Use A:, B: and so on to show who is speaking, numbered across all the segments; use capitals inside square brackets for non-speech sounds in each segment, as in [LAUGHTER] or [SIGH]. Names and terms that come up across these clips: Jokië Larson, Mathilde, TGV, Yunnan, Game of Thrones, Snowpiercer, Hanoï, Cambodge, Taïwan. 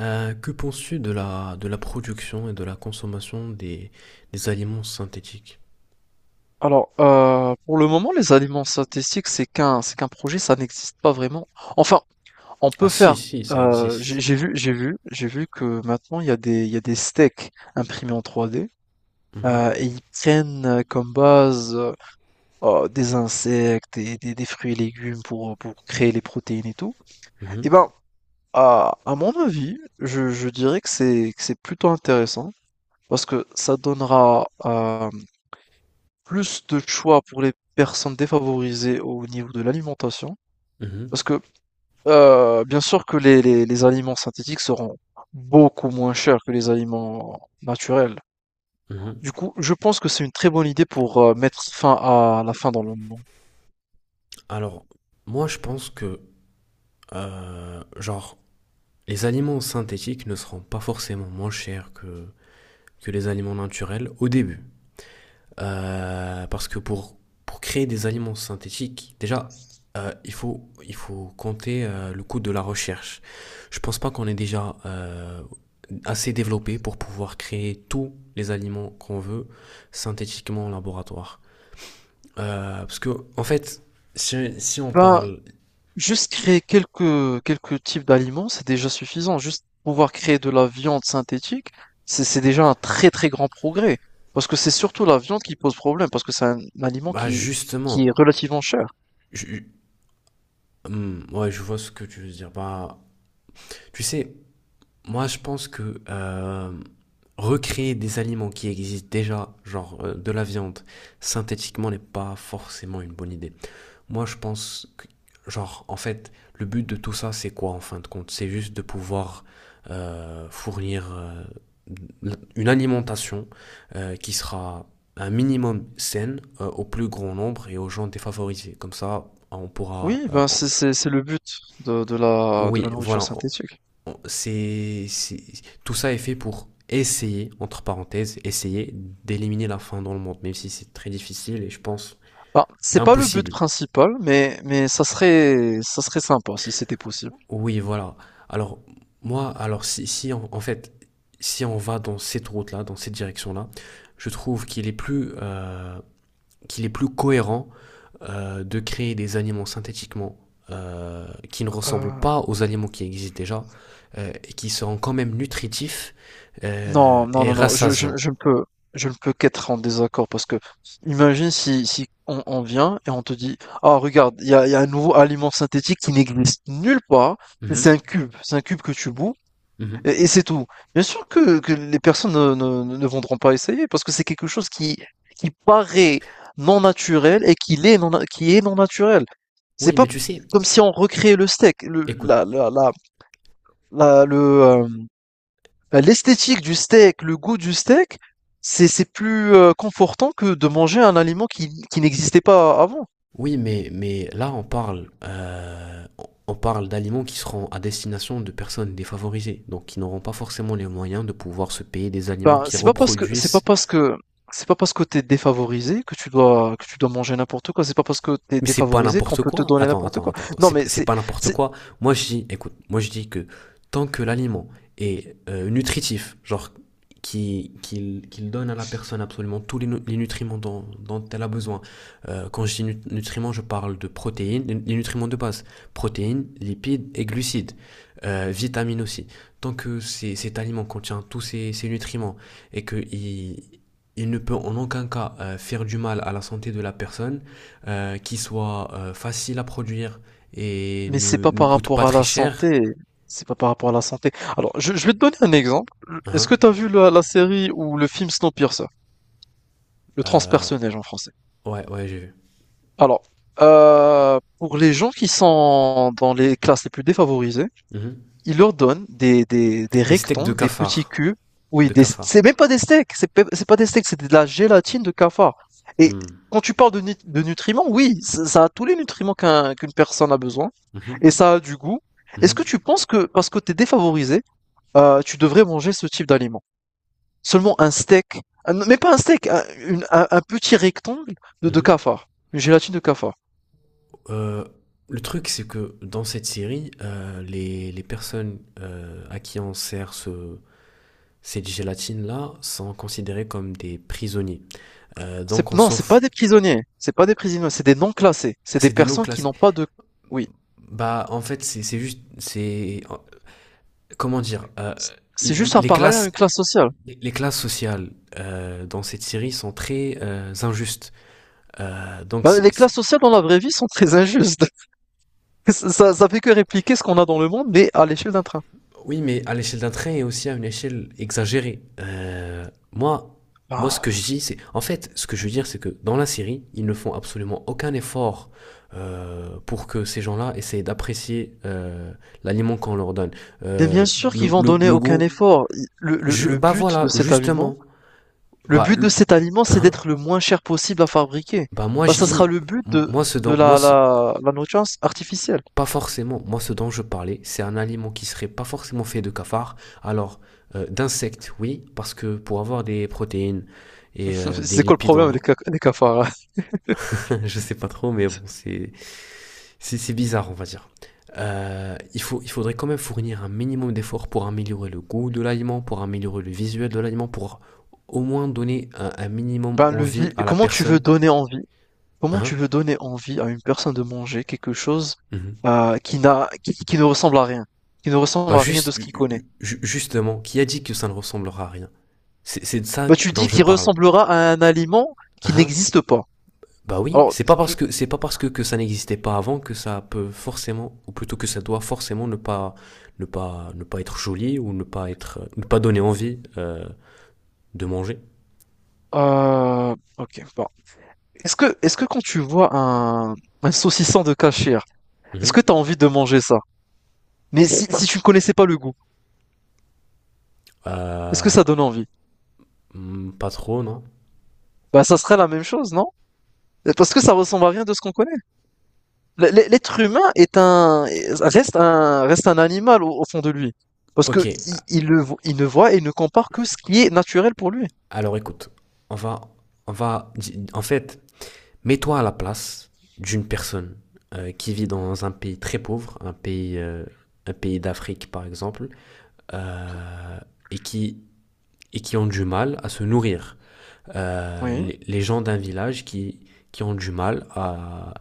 A: Que penses-tu de la production et de la consommation des aliments synthétiques?
B: Alors, pour le moment, les aliments synthétiques, c'est qu'un projet, ça n'existe pas vraiment. Enfin, on
A: Ah
B: peut
A: si,
B: faire.
A: si, ça
B: J'ai
A: existe.
B: j'ai vu j'ai vu j'ai vu que maintenant il y a des steaks imprimés en 3D,
A: Mhm,
B: et ils prennent, comme base, des insectes, des fruits et légumes pour créer les protéines et tout. Et
A: mhm,
B: ben, à mon avis, je dirais que c'est plutôt intéressant, parce que ça donnera, hem Plus de choix pour les personnes défavorisées au niveau de l'alimentation,
A: mhm,
B: parce que, bien sûr que les aliments synthétiques seront beaucoup moins chers que les aliments naturels.
A: mhm.
B: Du coup, je pense que c'est une très bonne idée pour, mettre fin à la faim dans le monde.
A: Alors, moi je pense que, genre, les aliments synthétiques ne seront pas forcément moins chers que les aliments naturels au début. Parce que pour créer des aliments synthétiques, déjà, il faut compter le coût de la recherche. Je pense pas qu'on est déjà assez développé pour pouvoir créer tous les aliments qu'on veut synthétiquement en laboratoire. Parce que, en fait, si on
B: Ben,
A: parle.
B: juste créer quelques types d'aliments, c'est déjà suffisant. Juste pouvoir créer de la viande synthétique, c'est déjà un très, très grand progrès, parce que c'est surtout la viande qui pose problème, parce que c'est un aliment
A: Bah,
B: qui est
A: justement.
B: relativement cher.
A: je- ouais, je vois ce que tu veux dire. Bah, tu sais, moi, je pense que recréer des aliments qui existent déjà, genre de la viande, synthétiquement, n'est pas forcément une bonne idée. Moi, je pense que, genre, en fait, le but de tout ça, c'est quoi en fin de compte? C'est juste de pouvoir fournir une alimentation qui sera un minimum saine au plus grand nombre et aux gens défavorisés. Comme ça, on pourra.
B: Oui, ben c'est le but de la
A: Oui,
B: nourriture
A: voilà.
B: synthétique.
A: C'est, c'est- Tout ça est fait pour essayer, entre parenthèses, essayer d'éliminer la faim dans le monde, même si c'est très difficile et je pense
B: Bah, c'est pas le but
A: impossible.
B: principal, mais ça serait sympa si c'était possible.
A: Oui, voilà. Alors, moi, alors si, si on- en fait, si on va dans cette route-là, dans cette direction-là, je trouve qu'il est plus cohérent de créer des aliments synthétiquement qui ne ressemblent
B: Euh,
A: pas aux aliments qui existent déjà et qui seront quand même nutritifs
B: non, non,
A: et
B: non, non, je, je,
A: rassasiants.
B: je ne peux, qu'être en désaccord, parce que imagine si on vient et on te dit, ah, regarde, il y a un nouveau aliment synthétique qui n'existe nulle part,
A: Mhm,
B: c'est un cube que tu bouts.
A: mhm.
B: Et c'est tout. Bien sûr que, les personnes ne voudront pas essayer, parce que c'est quelque chose qui paraît non naturel et qui est qui est non naturel. C'est
A: Oui,
B: pas
A: mais tu sais,
B: comme si on recréait le steak, le,
A: écoute.
B: la- le, l'esthétique du steak, le goût du steak, c'est plus confortant que de manger un aliment qui n'existait pas avant.
A: Oui, mais là, on parle d'aliments qui seront à destination de personnes défavorisées, donc qui n'auront pas forcément les moyens de pouvoir se payer des aliments
B: Ben,
A: qui reproduisent.
B: c'est pas parce que t'es défavorisé que tu dois, que tu dois manger n'importe quoi. C'est pas parce que t'es
A: Mais c'est pas
B: défavorisé qu'on
A: n'importe
B: peut te
A: quoi.
B: donner
A: Attends,
B: n'importe
A: attends,
B: quoi.
A: attends, attends.
B: Non, mais
A: C'est
B: c'est
A: pas n'importe
B: c'est
A: quoi. Moi, je dis, écoute, moi, je dis que tant que l'aliment est nutritif, genre qu'il donne à la personne absolument les nutriments dont elle a besoin. Quand je dis nutriments, je parle de protéines, les nutriments de base, protéines, lipides et glucides, vitamines aussi. Tant que cet aliment contient ces nutriments et que il ne peut en aucun cas faire du mal à la santé de la personne, qui soit facile à produire et
B: c'est pas
A: ne
B: par
A: coûte pas
B: rapport à
A: très
B: la
A: cher.
B: santé. C'est pas par rapport à la santé. Alors, je vais te donner un exemple. Est-ce
A: Hein.
B: que t'as vu la série ou le film Snowpiercer, le
A: Euh,
B: transpersonnage en français?
A: ouais, ouais, j'ai vu.
B: Alors, pour les gens qui sont dans les classes les plus défavorisées,
A: Mhm.
B: il ordonne des
A: Des steaks de
B: rectangles, des petits
A: cafard.
B: cubes. Oui,
A: De
B: des
A: cafard.
B: c'est même pas des steaks, c'est pas des steaks, c'est de la gélatine de cafard. Et
A: Mm.
B: quand tu parles de nutriments, oui, ça a tous les nutriments qu'une personne a besoin,
A: Mhm.
B: et ça a du goût. Est-ce
A: Mhm.
B: que tu penses que parce que tu es défavorisé, tu devrais manger ce type d'aliment? Seulement un steak, un mais pas un steak, un une un petit rectangle de
A: Mhm.
B: cafard, une gélatine de cafard.
A: Euh, le truc, c'est que dans cette série, les personnes à qui on sert cette gélatine-là sont considérées comme des prisonniers. Donc
B: C'est
A: on
B: non,
A: s'en
B: c'est pas
A: fout.
B: des prisonniers, c'est pas des prisonniers, c'est des non classés, c'est des
A: C'est des noms
B: personnes qui
A: classés.
B: n'ont pas de. Oui.
A: Bah, en fait, c'est juste. C'est. Comment dire les,
B: C'est juste un
A: les
B: parallèle à une
A: classes
B: classe sociale.
A: Les classes sociales dans cette série sont très injustes. Euh, donc,
B: Bah,
A: c'est-
B: les
A: c'est-
B: classes sociales dans la vraie vie sont très injustes. [LAUGHS] Ça, ça fait que répliquer ce qu'on a dans le monde, mais à l'échelle d'un train.
A: oui, mais à l'échelle d'un train et aussi à une échelle exagérée. Moi, ce que je
B: Ah.
A: dis, c'est. En fait, ce que je veux dire, c'est que dans la série, ils ne font absolument aucun effort pour que ces gens-là essayent d'apprécier l'aliment qu'on leur donne.
B: Mais bien
A: Euh,
B: sûr qu'ils vont donner
A: le
B: aucun
A: goût.
B: effort. I- Le, le, le
A: Bah
B: but
A: voilà,
B: de cet aliment,
A: justement. Bah, le-
B: c'est
A: hein,
B: d'être le moins cher possible à fabriquer.
A: Bah moi,
B: Bah,
A: je
B: ça sera
A: dis.
B: le but
A: M-
B: de,
A: Moi, ce
B: de
A: dont, moi,
B: la,
A: ce-
B: la nourriture artificielle.
A: Pas forcément, moi ce dont je parlais, c'est un aliment qui serait pas forcément fait de cafards, alors d'insectes, oui, parce que pour avoir des protéines et
B: [LAUGHS]
A: des
B: C'est quoi le
A: lipides,
B: problème
A: en...
B: des cafards, hein?
A: [LAUGHS] Je sais pas trop, mais bon, c'est bizarre, on va dire. Il faudrait quand même fournir un minimum d'efforts pour améliorer le goût de l'aliment, pour améliorer le visuel de l'aliment, pour au moins donner un minimum
B: Ben,
A: envie à la
B: comment tu veux
A: personne.
B: donner envie? Comment tu
A: Hein.
B: veux donner envie à une personne de manger quelque chose
A: Mhm.
B: qui n'a, qui ne ressemble à rien, qui ne ressemble
A: Bah
B: à rien de
A: juste,
B: ce qu'il connaît?
A: justement, qui a dit que ça ne ressemblera à rien? C'est c'est de ça
B: Bah, tu
A: dont
B: dis
A: je
B: qu'il
A: parle.
B: ressemblera à un aliment qui
A: Hein.
B: n'existe pas.
A: Bah oui,
B: Alors, qui-
A: c'est pas parce que ça n'existait pas avant que ça peut forcément, ou plutôt que ça doit forcément ne pas être joli ou ne pas donner envie de manger.
B: ok, bon. Est-ce que quand tu vois un, saucisson de cachir, est-ce
A: Mhm.
B: que tu as envie de manger ça? Mais si, si tu ne connaissais pas le goût, est-ce que
A: Euh,
B: ça donne envie?
A: hmm, pas trop, non?
B: Bah, ça serait la même chose, non? Parce que ça ressemble à rien de ce qu'on connaît. L'être humain est reste un animal au, au fond de lui. Parce
A: Ok.
B: que il ne voit et ne compare que ce qui est naturel pour lui.
A: Alors écoute, on va on va en fait mets-toi à la place d'une personne qui vit dans un pays très pauvre, un pays d'Afrique par exemple, euh, et qui ont du mal à se nourrir
B: Oui.
A: les gens d'un village qui ont du mal à,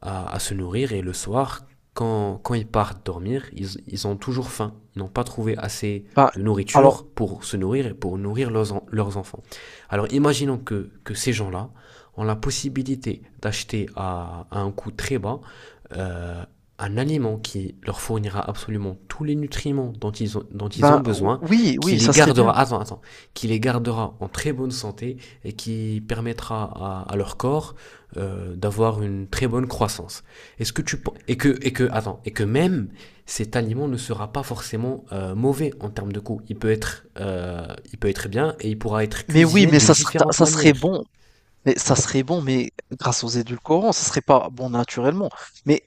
A: à, à se nourrir et le soir, quand ils partent dormir, ils ont toujours faim. Ils n'ont pas trouvé assez
B: Bah,
A: de
B: alors,
A: nourriture pour se nourrir et pour nourrir leurs enfants. Alors imaginons que ces gens-là ont la possibilité d'acheter à un coût très bas euh, un aliment qui leur fournira absolument tous les nutriments dont ils ont
B: ben,
A: besoin,
B: oui,
A: qui
B: oui,
A: les
B: ça serait bien.
A: gardera, attends, attends, qui les gardera en très bonne santé et qui permettra à leur corps d'avoir une très bonne croissance. Est-ce que tu pen- et que attends et que même cet aliment ne sera pas forcément mauvais en termes de goût. Il peut être bien et il pourra être
B: Mais oui,
A: cuisiné
B: mais
A: de différentes
B: ça
A: manières.
B: serait bon. Mais ça serait bon, mais grâce aux édulcorants, ça serait pas bon naturellement. Mais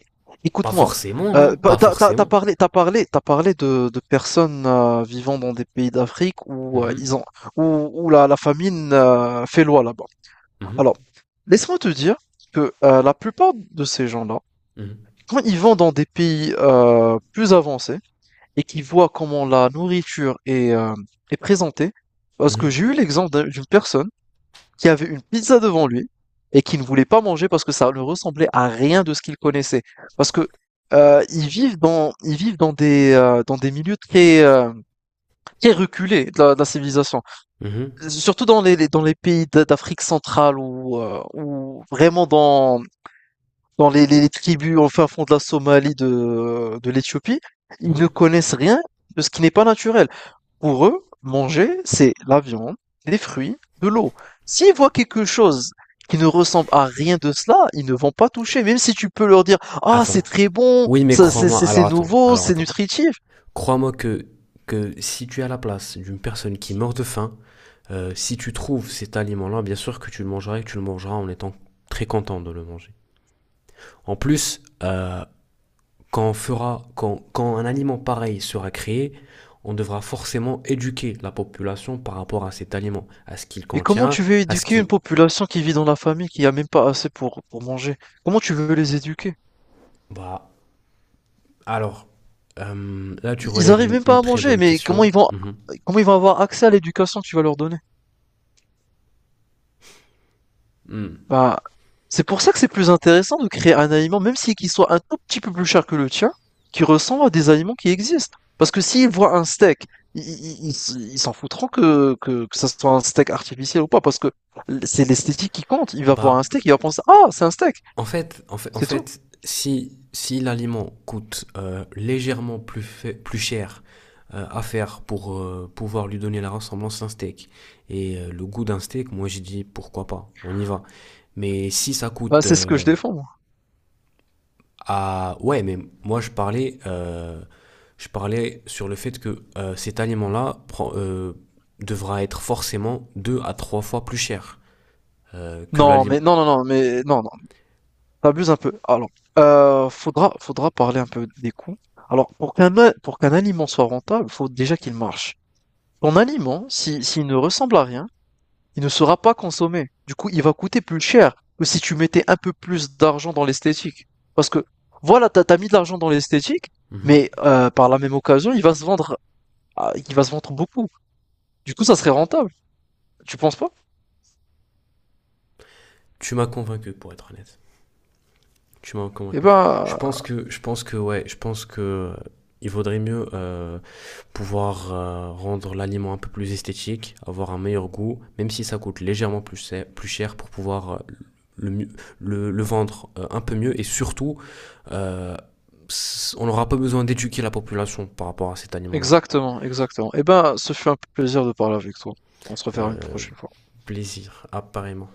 A: Pas
B: écoute-moi,
A: forcément, non? Pas forcément.
B: t'as parlé de personnes vivant dans des pays d'Afrique où
A: Mhm,
B: ils ont, où, où la famine fait loi là-bas. Alors,
A: mhm,
B: laisse-moi te dire que la plupart de ces gens-là,
A: mhm,
B: quand ils vont dans des pays plus avancés et qu'ils voient comment la nourriture est présentée, parce que j'ai
A: mhm,
B: eu l'exemple d'une personne qui avait une pizza devant lui et qui ne voulait pas manger parce que ça ne ressemblait à rien de ce qu'il connaissait. Parce que ils vivent dans des milieux très, très reculés de la civilisation.
A: mhm,
B: Surtout dans dans les pays d'Afrique centrale, ou vraiment dans les tribus au fin fond de la Somalie, de l'Éthiopie. Ils ne
A: mhm.
B: connaissent rien de ce qui n'est pas naturel. Pour eux, manger, c'est la viande, les fruits, de l'eau. S'ils voient quelque chose qui ne ressemble à rien de cela, ils ne vont pas toucher, même si tu peux leur dire, ah, c'est
A: Attends.
B: très bon,
A: Oui, mais
B: ça,
A: crois-moi.
B: c'est
A: Alors attends.
B: nouveau,
A: Alors
B: c'est
A: attends.
B: nutritif.
A: Crois-moi que si tu es à la place d'une personne qui meurt de faim. Si tu trouves cet aliment-là, bien sûr que tu le mangeras et que tu le mangeras en étant très content de le manger. En plus, quand, on fera, quand, quand un aliment pareil sera créé, on devra forcément éduquer la population par rapport à cet aliment, à ce qu'il
B: Mais comment
A: contient,
B: tu veux
A: à ce
B: éduquer une
A: qu'il...
B: population qui vit dans la famille, qui a même pas assez pour manger? Comment tu veux les éduquer?
A: Bah, alors, là tu
B: Ils
A: relèves
B: arrivent même pas
A: une
B: à
A: très
B: manger,
A: bonne
B: mais
A: question. Mhm.
B: comment ils vont avoir accès à l'éducation que tu vas leur donner?
A: Mm.
B: Bah, c'est pour ça que c'est plus intéressant de créer un aliment, même si qu'il soit un tout petit peu plus cher que le tien, qui ressemble à des aliments qui existent. Parce que s'ils voient un steak, ils s'en foutront que ça soit un steak artificiel ou pas, parce que c'est l'esthétique qui compte. Il va voir un
A: Bah,
B: steak, il va penser, ah, c'est un steak,
A: en fait, en fait, en
B: c'est tout.
A: fait si, si l'aliment coûte plus cher à faire pour pouvoir lui donner la ressemblance d'un steak et le goût d'un steak, moi j'ai dit pourquoi pas, on y va. Mais si ça
B: Bah,
A: coûte
B: c'est ce que je défends, moi.
A: Ouais, mais moi je parlais sur le fait que devra être forcément deux à trois fois plus cher que
B: Non,
A: l'aliment...
B: mais non, non, non, mais non, non, t'abuses un peu. Alors, faudra parler un peu des coûts. Alors, pour qu'un aliment soit rentable, faut déjà qu'il marche. Ton aliment, si, s'il ne ressemble à rien, il ne sera pas consommé. Du coup, il va coûter plus cher que si tu mettais un peu plus d'argent dans l'esthétique. Parce que, voilà, t'as, t'as mis de l'argent dans l'esthétique,
A: Mhm.
B: mais par la même occasion, il va se vendre, il va se vendre beaucoup. Du coup, ça serait rentable. Tu penses pas?
A: Tu m'as convaincu pour être honnête. Tu m'as
B: Eh
A: convaincu.
B: ben,
A: Ouais, je pense que il vaudrait mieux pouvoir rendre l'aliment un peu plus esthétique, avoir un meilleur goût, même si ça coûte légèrement plus cher pour pouvoir le, mieux- le vendre un peu mieux. Et surtout, euh, on n'aura pas besoin d'éduquer la population par rapport à cet aliment-là.
B: exactement, exactement. Eh ben, ce fut un plaisir de parler avec toi. On se reverra une
A: Euh,
B: prochaine fois.
A: Plaisir, apparemment.